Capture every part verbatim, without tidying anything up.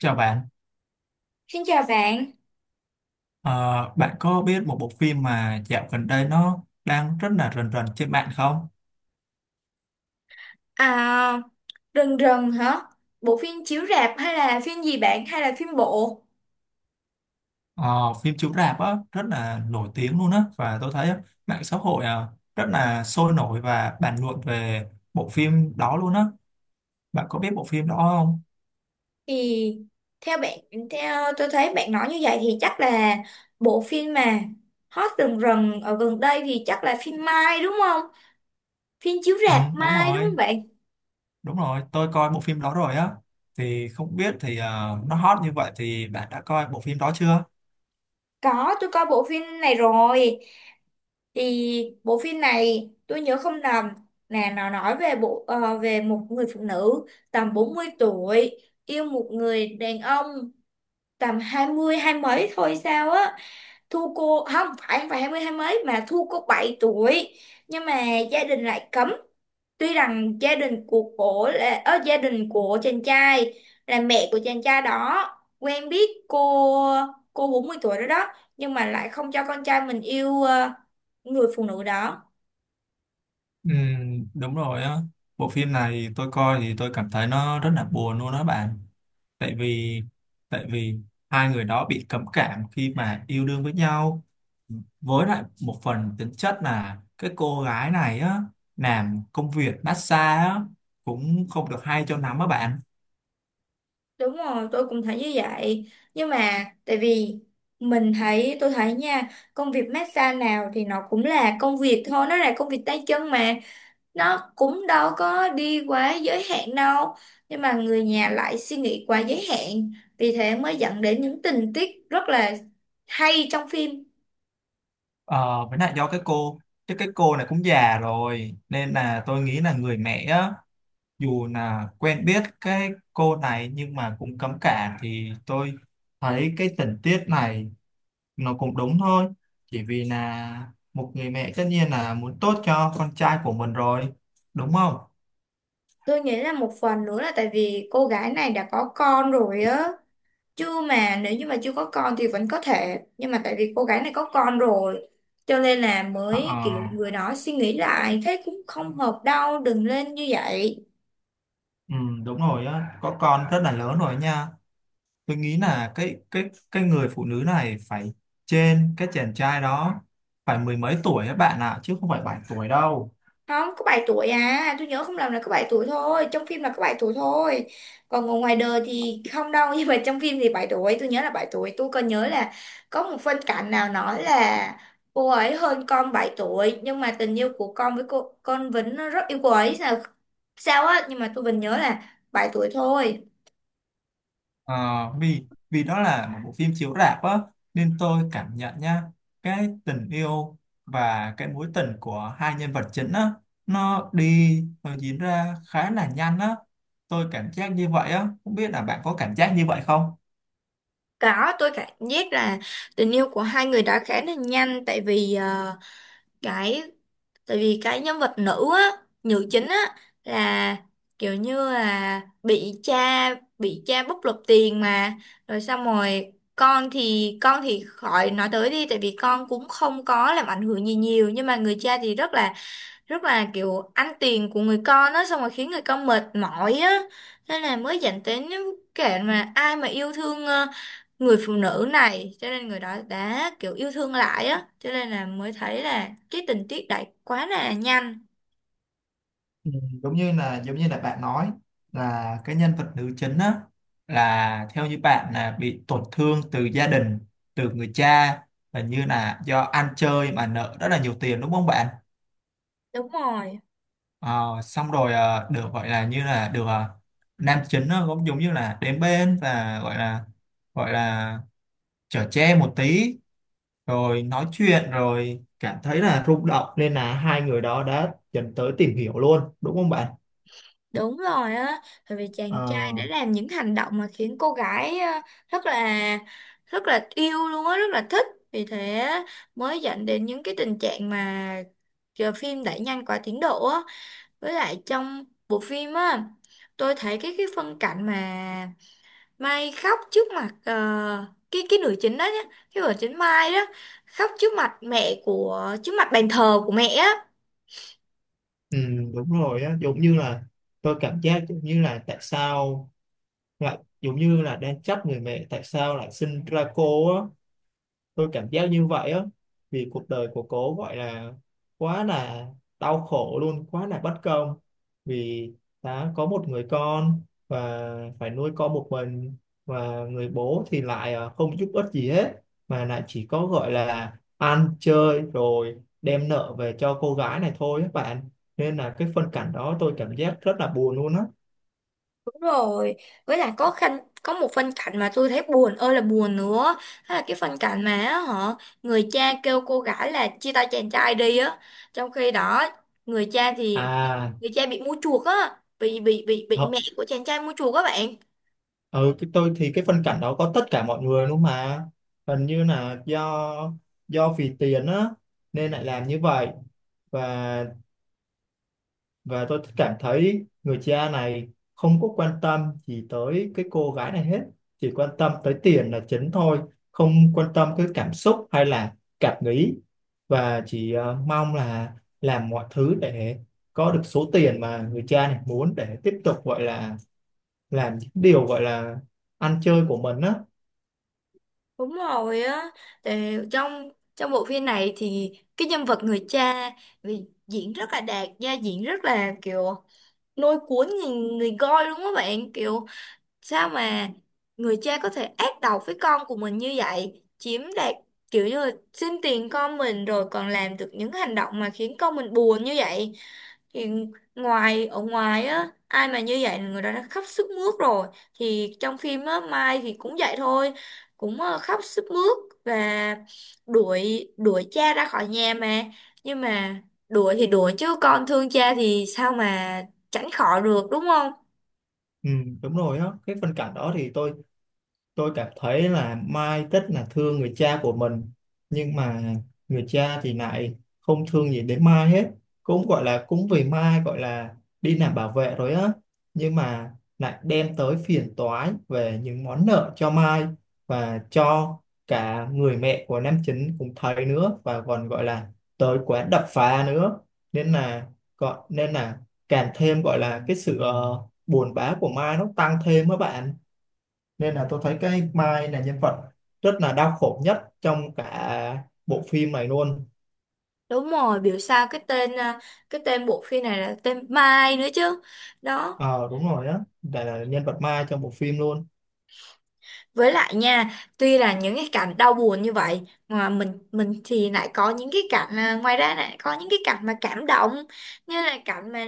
Chào bạn. Xin chào bạn. Ờ, Bạn có biết một bộ phim mà dạo gần đây nó đang rất là rần rần trên mạng không? À, Rần Rần hả? Bộ phim chiếu rạp hay là phim gì bạn, hay là phim bộ? Ờ, Phim chiếu rạp á, rất là nổi tiếng luôn á và tôi thấy á, mạng xã hội à, rất là sôi nổi và bàn luận về bộ phim đó luôn á. Bạn có biết bộ phim đó không? Thì theo bạn theo tôi thấy bạn nói như vậy thì chắc là bộ phim mà hot rần rần ở gần đây thì chắc là phim Mai đúng không? Phim chiếu Ừ, rạp đúng Mai đúng rồi, không bạn? đúng rồi, tôi coi bộ phim đó rồi á. Thì không biết thì ờ, nó hot như vậy thì bạn đã coi bộ phim đó chưa? Có, tôi coi bộ phim này rồi. Thì bộ phim này tôi nhớ không lầm là nó nói về bộ ờ, về một người phụ nữ tầm bốn mươi tuổi, yêu một người đàn ông tầm hai mươi hai mấy thôi sao á, thu cô không phải không phải hai mươi hai mấy mà thu cô bảy tuổi. Nhưng mà gia đình lại cấm, tuy rằng gia đình của cổ là ở gia đình của chàng trai, là mẹ của chàng trai đó quen biết cô cô bốn mươi tuổi đó đó, nhưng mà lại không cho con trai mình yêu ờ, người phụ nữ đó. Ừ, đúng rồi á. Bộ phim này tôi coi thì tôi cảm thấy nó rất là buồn luôn đó bạn. Tại vì tại vì hai người đó bị cấm cảm khi mà yêu đương với nhau. Với lại một phần tính chất là cái cô gái này á, làm công việc massage á, cũng không được hay cho lắm á bạn. Đúng rồi, tôi cũng thấy như vậy. Nhưng mà tại vì mình thấy, tôi thấy nha, công việc massage nào thì nó cũng là công việc thôi, nó là công việc tay chân mà. Nó cũng đâu có đi quá giới hạn đâu. Nhưng mà người nhà lại suy nghĩ quá giới hạn. Vì thế mới dẫn đến những tình tiết rất là hay trong phim. Ờ, với lại do cái cô, chứ cái cô này cũng già rồi nên là tôi nghĩ là người mẹ á, dù là quen biết cái cô này nhưng mà cũng cấm cản, thì tôi thấy cái tình tiết này nó cũng đúng thôi, chỉ vì là một người mẹ tất nhiên là muốn tốt cho con trai của mình rồi, đúng không? Tôi nghĩ là một phần nữa là tại vì cô gái này đã có con rồi á. Chưa mà Nếu như mà chưa có con thì vẫn có thể, nhưng mà tại vì cô gái này có con rồi, cho nên là Ờ, ờ, mới kiểu người đó suy nghĩ lại thế cũng không hợp đâu, đừng lên như vậy. ừ, Đúng rồi á, có con rất là lớn rồi nha, tôi nghĩ là cái cái cái người phụ nữ này phải trên cái chàng trai đó phải mười mấy tuổi các bạn ạ, chứ không phải bảy tuổi đâu. Không có bảy tuổi à, tôi nhớ không lầm là có bảy tuổi thôi, trong phim là có bảy tuổi thôi, còn ngồi ngoài đời thì không đâu nhưng mà trong phim thì bảy tuổi, tôi nhớ là bảy tuổi, tôi còn nhớ là có một phân cảnh nào nói là cô ấy hơn con bảy tuổi, nhưng mà tình yêu của con với cô, con Vĩnh nó rất yêu cô ấy sao sao á, nhưng mà tôi vẫn nhớ là bảy tuổi thôi. Ờ, vì vì đó là một bộ phim chiếu rạp á, nên tôi cảm nhận nha, cái tình yêu và cái mối tình của hai nhân vật chính á, nó đi nó diễn ra khá là nhanh á, tôi cảm giác như vậy á, không biết là bạn có cảm giác như vậy không? Đó, tôi cảm giác là tình yêu của hai người đã khá là nhanh, tại vì ờ, cái tại vì cái nhân vật nữ á, nữ chính á, là kiểu như là bị cha bị cha bóc lột tiền mà, rồi xong rồi con thì con thì khỏi nói tới đi, tại vì con cũng không có làm ảnh hưởng gì nhiều, nhưng mà người cha thì rất là rất là kiểu ăn tiền của người con á, xong rồi khiến người con mệt mỏi á, nên là mới dẫn đến những kẻ mà ai mà yêu thương ờ, người phụ nữ này, cho nên người đó đã kiểu yêu thương lại á, cho nên là mới thấy là cái tình tiết đẩy quá là nhanh. Ừ, Giống như là giống như là bạn nói là cái nhân vật nữ chính á, là theo như bạn là bị tổn thương từ gia đình, từ người cha, và như là do ăn chơi mà nợ rất là nhiều tiền, đúng không bạn? Đúng rồi. Ờ, xong rồi ờ, được gọi là như là được ờ, nam chính nó cũng giống như là đến bên và gọi là gọi là chở che một tí, rồi nói chuyện rồi cảm thấy là rung động nên là hai người đó đã dần tới tìm hiểu luôn, đúng không bạn? Đúng rồi á, bởi vì chàng trai Ờ, đã làm những hành động mà khiến cô gái ờ, rất là rất là yêu luôn á, rất là thích, vì thế mới dẫn đến những cái tình trạng mà ờ, phim đẩy nhanh quá tiến độ á. Với lại trong bộ phim á, tôi thấy cái cái phân cảnh mà Mai khóc trước mặt ờ, cái cái nữ chính đó nhá, cái vợ chính Mai đó khóc trước mặt mẹ của trước mặt bàn thờ của mẹ á. ừ, Đúng rồi á, giống như là tôi cảm giác giống như là tại sao lại giống như là đang trách người mẹ tại sao lại sinh ra cô á, tôi cảm giác như vậy á, vì cuộc đời của cô gọi là quá là đau khổ luôn, quá là bất công, vì đã có một người con và phải nuôi con một mình, và người bố thì lại ờ, không giúp ích gì hết, mà lại chỉ có gọi là ăn chơi rồi đem nợ về cho cô gái này thôi các bạn, nên là cái phân cảnh đó tôi cảm giác rất là buồn luôn á. Đúng rồi. Với lại có khăn có một phân cảnh mà tôi thấy buồn ơi là buồn nữa. Đó là cái phân cảnh mà á, họ người cha kêu cô gái là chia tay chàng trai đi á. Trong khi đó người cha thì à người cha bị mua chuộc á, bị bị bị bị mẹ của chàng trai mua chuộc các bạn. ừ cái tôi thì cái phân cảnh đó có tất cả mọi người luôn mà, hình như là do do vì tiền á nên lại làm như vậy. Và và tôi cảm thấy người cha này không có quan tâm gì tới cái cô gái này hết, chỉ quan tâm tới tiền là chính thôi, không quan tâm cái cảm xúc hay là cảm nghĩ, và chỉ ờ, mong là làm mọi thứ để có được số tiền mà người cha này muốn để tiếp tục gọi là làm những điều gọi là ăn chơi của mình á. Đúng rồi á, thì trong trong bộ phim này thì cái nhân vật người cha vì diễn rất là đạt, gia diễn rất là kiểu lôi cuốn người, người coi luôn á bạn, kiểu sao mà người cha có thể ác độc với con của mình như vậy, chiếm đoạt, kiểu như là xin tiền con mình rồi còn làm được những hành động mà khiến con mình buồn như vậy, thì ngoài ở ngoài á ai mà như vậy là người đó đã khóc sướt mướt rồi, thì trong phim á Mai thì cũng vậy thôi, cũng ờ, khóc sướt mướt và đuổi đuổi cha ra khỏi nhà mà, nhưng mà đuổi thì đuổi chứ con thương cha thì sao mà tránh khỏi được đúng không. Ừ, đúng rồi á, cái phân cảnh đó thì tôi tôi cảm thấy là Mai rất là thương người cha của mình, nhưng mà người cha thì lại không thương gì đến Mai hết, cũng gọi là cũng vì Mai gọi là đi làm bảo vệ rồi á, nhưng mà lại đem tới phiền toái về những món nợ cho Mai và cho cả người mẹ của nam chính cũng thấy nữa, và còn gọi là tới quán đập phá nữa, nên là gọi nên là càng thêm gọi là cái sự ờ, buồn bã của Mai nó tăng thêm á bạn, nên là tôi thấy cái Mai là nhân vật rất là đau khổ nhất trong cả bộ phim này luôn. Đúng rồi, biểu sao cái tên à, cái tên bộ phim này là tên Mai nữa chứ. Đó. Ờ đúng rồi á, là, là nhân vật Mai trong bộ phim luôn. Với lại nha, tuy là những cái cảnh đau buồn như vậy mà mình mình thì lại có những cái cảnh à, ngoài ra lại có những cái cảnh mà cảm động, như là cảnh mà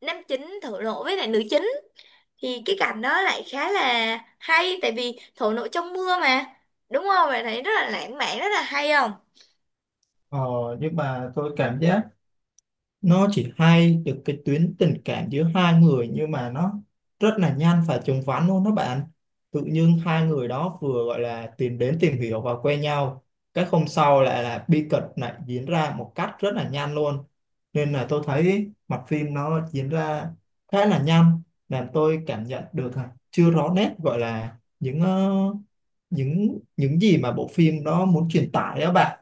nam chính thổ lộ với lại nữ chính, thì cái cảnh đó lại khá là hay tại vì thổ lộ trong mưa mà. Đúng không? Bạn thấy rất là lãng mạn, rất là hay không? ờ nhưng mà tôi cảm giác nó chỉ hay được cái tuyến tình cảm giữa hai người, nhưng mà nó rất là nhanh và chóng vánh luôn đó bạn, tự nhiên hai người đó vừa gọi là tìm đến tìm hiểu và quen nhau, cái hôm sau lại là bi kịch lại diễn ra một cách rất là nhanh luôn, nên là tôi thấy mặt phim nó diễn ra khá là nhanh, làm tôi cảm nhận được à, chưa rõ nét gọi là những ờ, những những gì mà bộ phim đó muốn truyền tải đó bạn.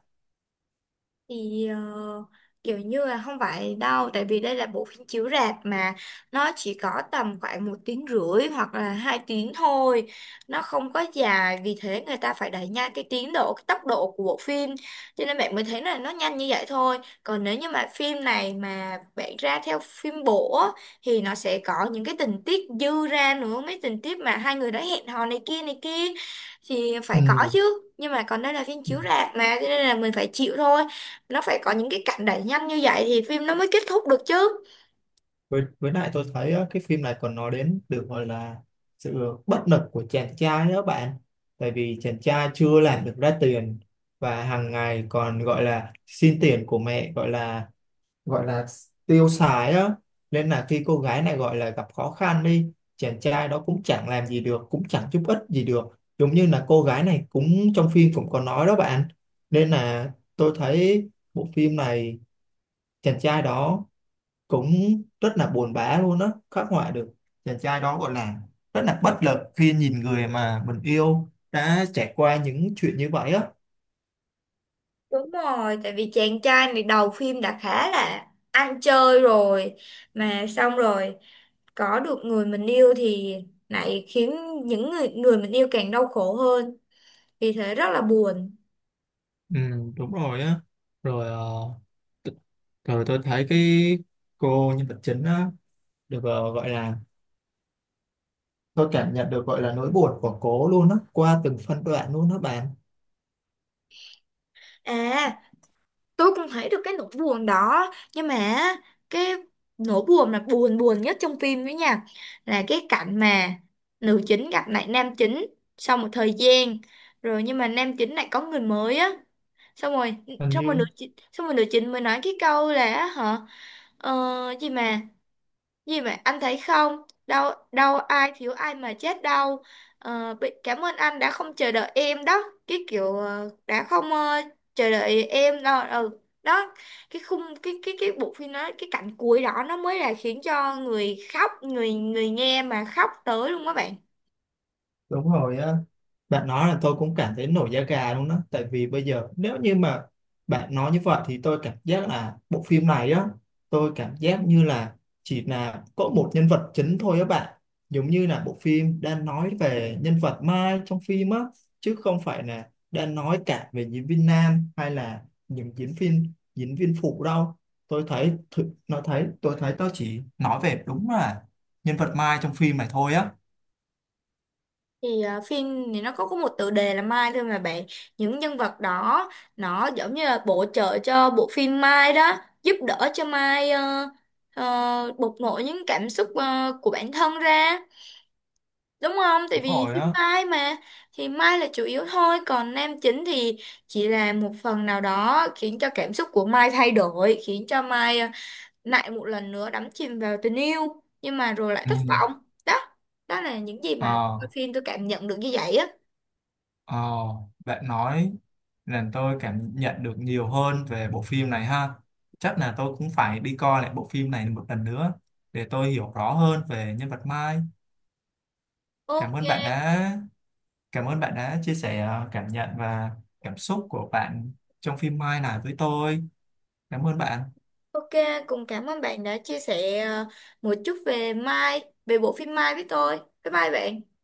Thì ờ, kiểu như là không phải đâu, tại vì đây là bộ phim chiếu rạp mà, nó chỉ có tầm khoảng một tiếng rưỡi hoặc là hai tiếng thôi, nó không có dài, vì thế người ta phải đẩy nhanh cái tiến độ, cái tốc độ của bộ phim, cho nên bạn mới thấy là nó nhanh như vậy thôi. Còn nếu như mà phim này mà bạn ra theo phim bộ á, thì nó sẽ có những cái tình tiết dư ra nữa, mấy tình tiết mà hai người đã hẹn hò này kia này kia thì phải có chứ, nhưng mà còn đây là phim Ừ. chiếu rạp mà cho nên là mình phải chịu thôi, nó phải có những cái cảnh đẩy nhanh như vậy thì phim nó mới kết thúc được chứ. với, với lại tôi thấy á, cái phim này còn nói đến được gọi là sự bất lực của chàng trai đó bạn, tại vì chàng trai chưa làm được ra tiền và hàng ngày còn gọi là xin tiền của mẹ gọi là gọi là tiêu xài á, nên là khi cô gái này gọi là gặp khó khăn đi, chàng trai đó cũng chẳng làm gì được, cũng chẳng giúp ích gì được, giống như là cô gái này cũng trong phim cũng có nói đó bạn, nên là tôi thấy bộ phim này chàng trai đó cũng rất là buồn bã luôn á, khắc họa được chàng trai đó gọi là rất là bất lực khi nhìn người mà mình yêu đã trải qua những chuyện như vậy á. Đúng rồi, tại vì chàng trai này đầu phim đã khá là ăn chơi rồi, mà xong rồi có được người mình yêu thì lại khiến những người người mình yêu càng đau khổ hơn, vì thế rất là buồn. Ừ, đúng rồi á, rồi ờ, rồi tôi thấy cái cô nhân vật chính á được ờ, gọi là tôi cảm nhận được gọi là nỗi buồn của cô luôn á qua từng phân đoạn luôn đó bạn. À, tôi cũng thấy được cái nỗi buồn đó, nhưng mà cái nỗi buồn là buồn buồn nhất trong phim đấy nha, là cái cảnh mà nữ chính gặp lại nam chính sau một thời gian rồi, nhưng mà nam chính lại có người mới á, xong rồi Hình xong rồi như nữ chính xong rồi nữ chính mới nói cái câu là hả, ờ, gì mà gì mà anh thấy không, đâu đâu ai thiếu ai mà chết đâu. Ờ, bị cảm ơn anh đã không chờ đợi em đó, cái kiểu ờ, đã không ờ, chờ đợi em đâu ừ đó, cái khung cái cái cái bộ phim đó, cái cảnh cuối đó nó mới là khiến cho người khóc người người nghe mà khóc tới luôn các bạn. Đúng rồi á, bạn nói là tôi cũng cảm thấy nổi da gà luôn đó, tại vì bây giờ nếu như mà bạn nói như vậy thì tôi cảm giác là bộ phim này á, tôi cảm giác như là chỉ là có một nhân vật chính thôi á bạn, giống như là bộ phim đang nói về nhân vật Mai trong phim á, chứ không phải là đang nói cả về diễn viên nam hay là những diễn viên diễn viên phụ đâu. Tôi thấy thử- nó thấy tôi thấy tôi chỉ nói về đúng là nhân vật Mai trong phim này thôi á. Thì ờ, phim thì nó có có một tựa đề là Mai thôi mà bạn, những nhân vật đó nó giống như là bổ trợ cho bộ phim Mai đó, giúp đỡ cho Mai ờ, ờ, bộc lộ những cảm xúc ờ, của bản thân ra, đúng không, tại Đúng vì rồi phim á. Mai mà. Thì Mai là chủ yếu thôi, còn nam chính thì chỉ là một phần nào đó khiến cho cảm xúc của Mai thay đổi, khiến cho Mai ờ, lại một lần nữa đắm chìm vào tình yêu nhưng mà rồi lại Ừ. thất vọng đó, đó là những gì mà tôi Ờ, coi phim tôi cảm nhận được như vậy á. ờ, Bạn nói làm tôi cảm nhận được nhiều hơn về bộ phim này ha. Chắc là tôi cũng phải đi coi lại bộ phim này một lần nữa để tôi hiểu rõ hơn về nhân vật Mai. Cảm Ok. ơn bạn đã Cảm ơn bạn đã chia sẻ ờ, cảm nhận và cảm xúc của bạn trong phim Mai này với tôi. Cảm ơn bạn. Ok, cùng cảm ơn bạn đã chia sẻ ờ, một chút về Mai, về bộ phim Mai với tôi. Bye bye bạn.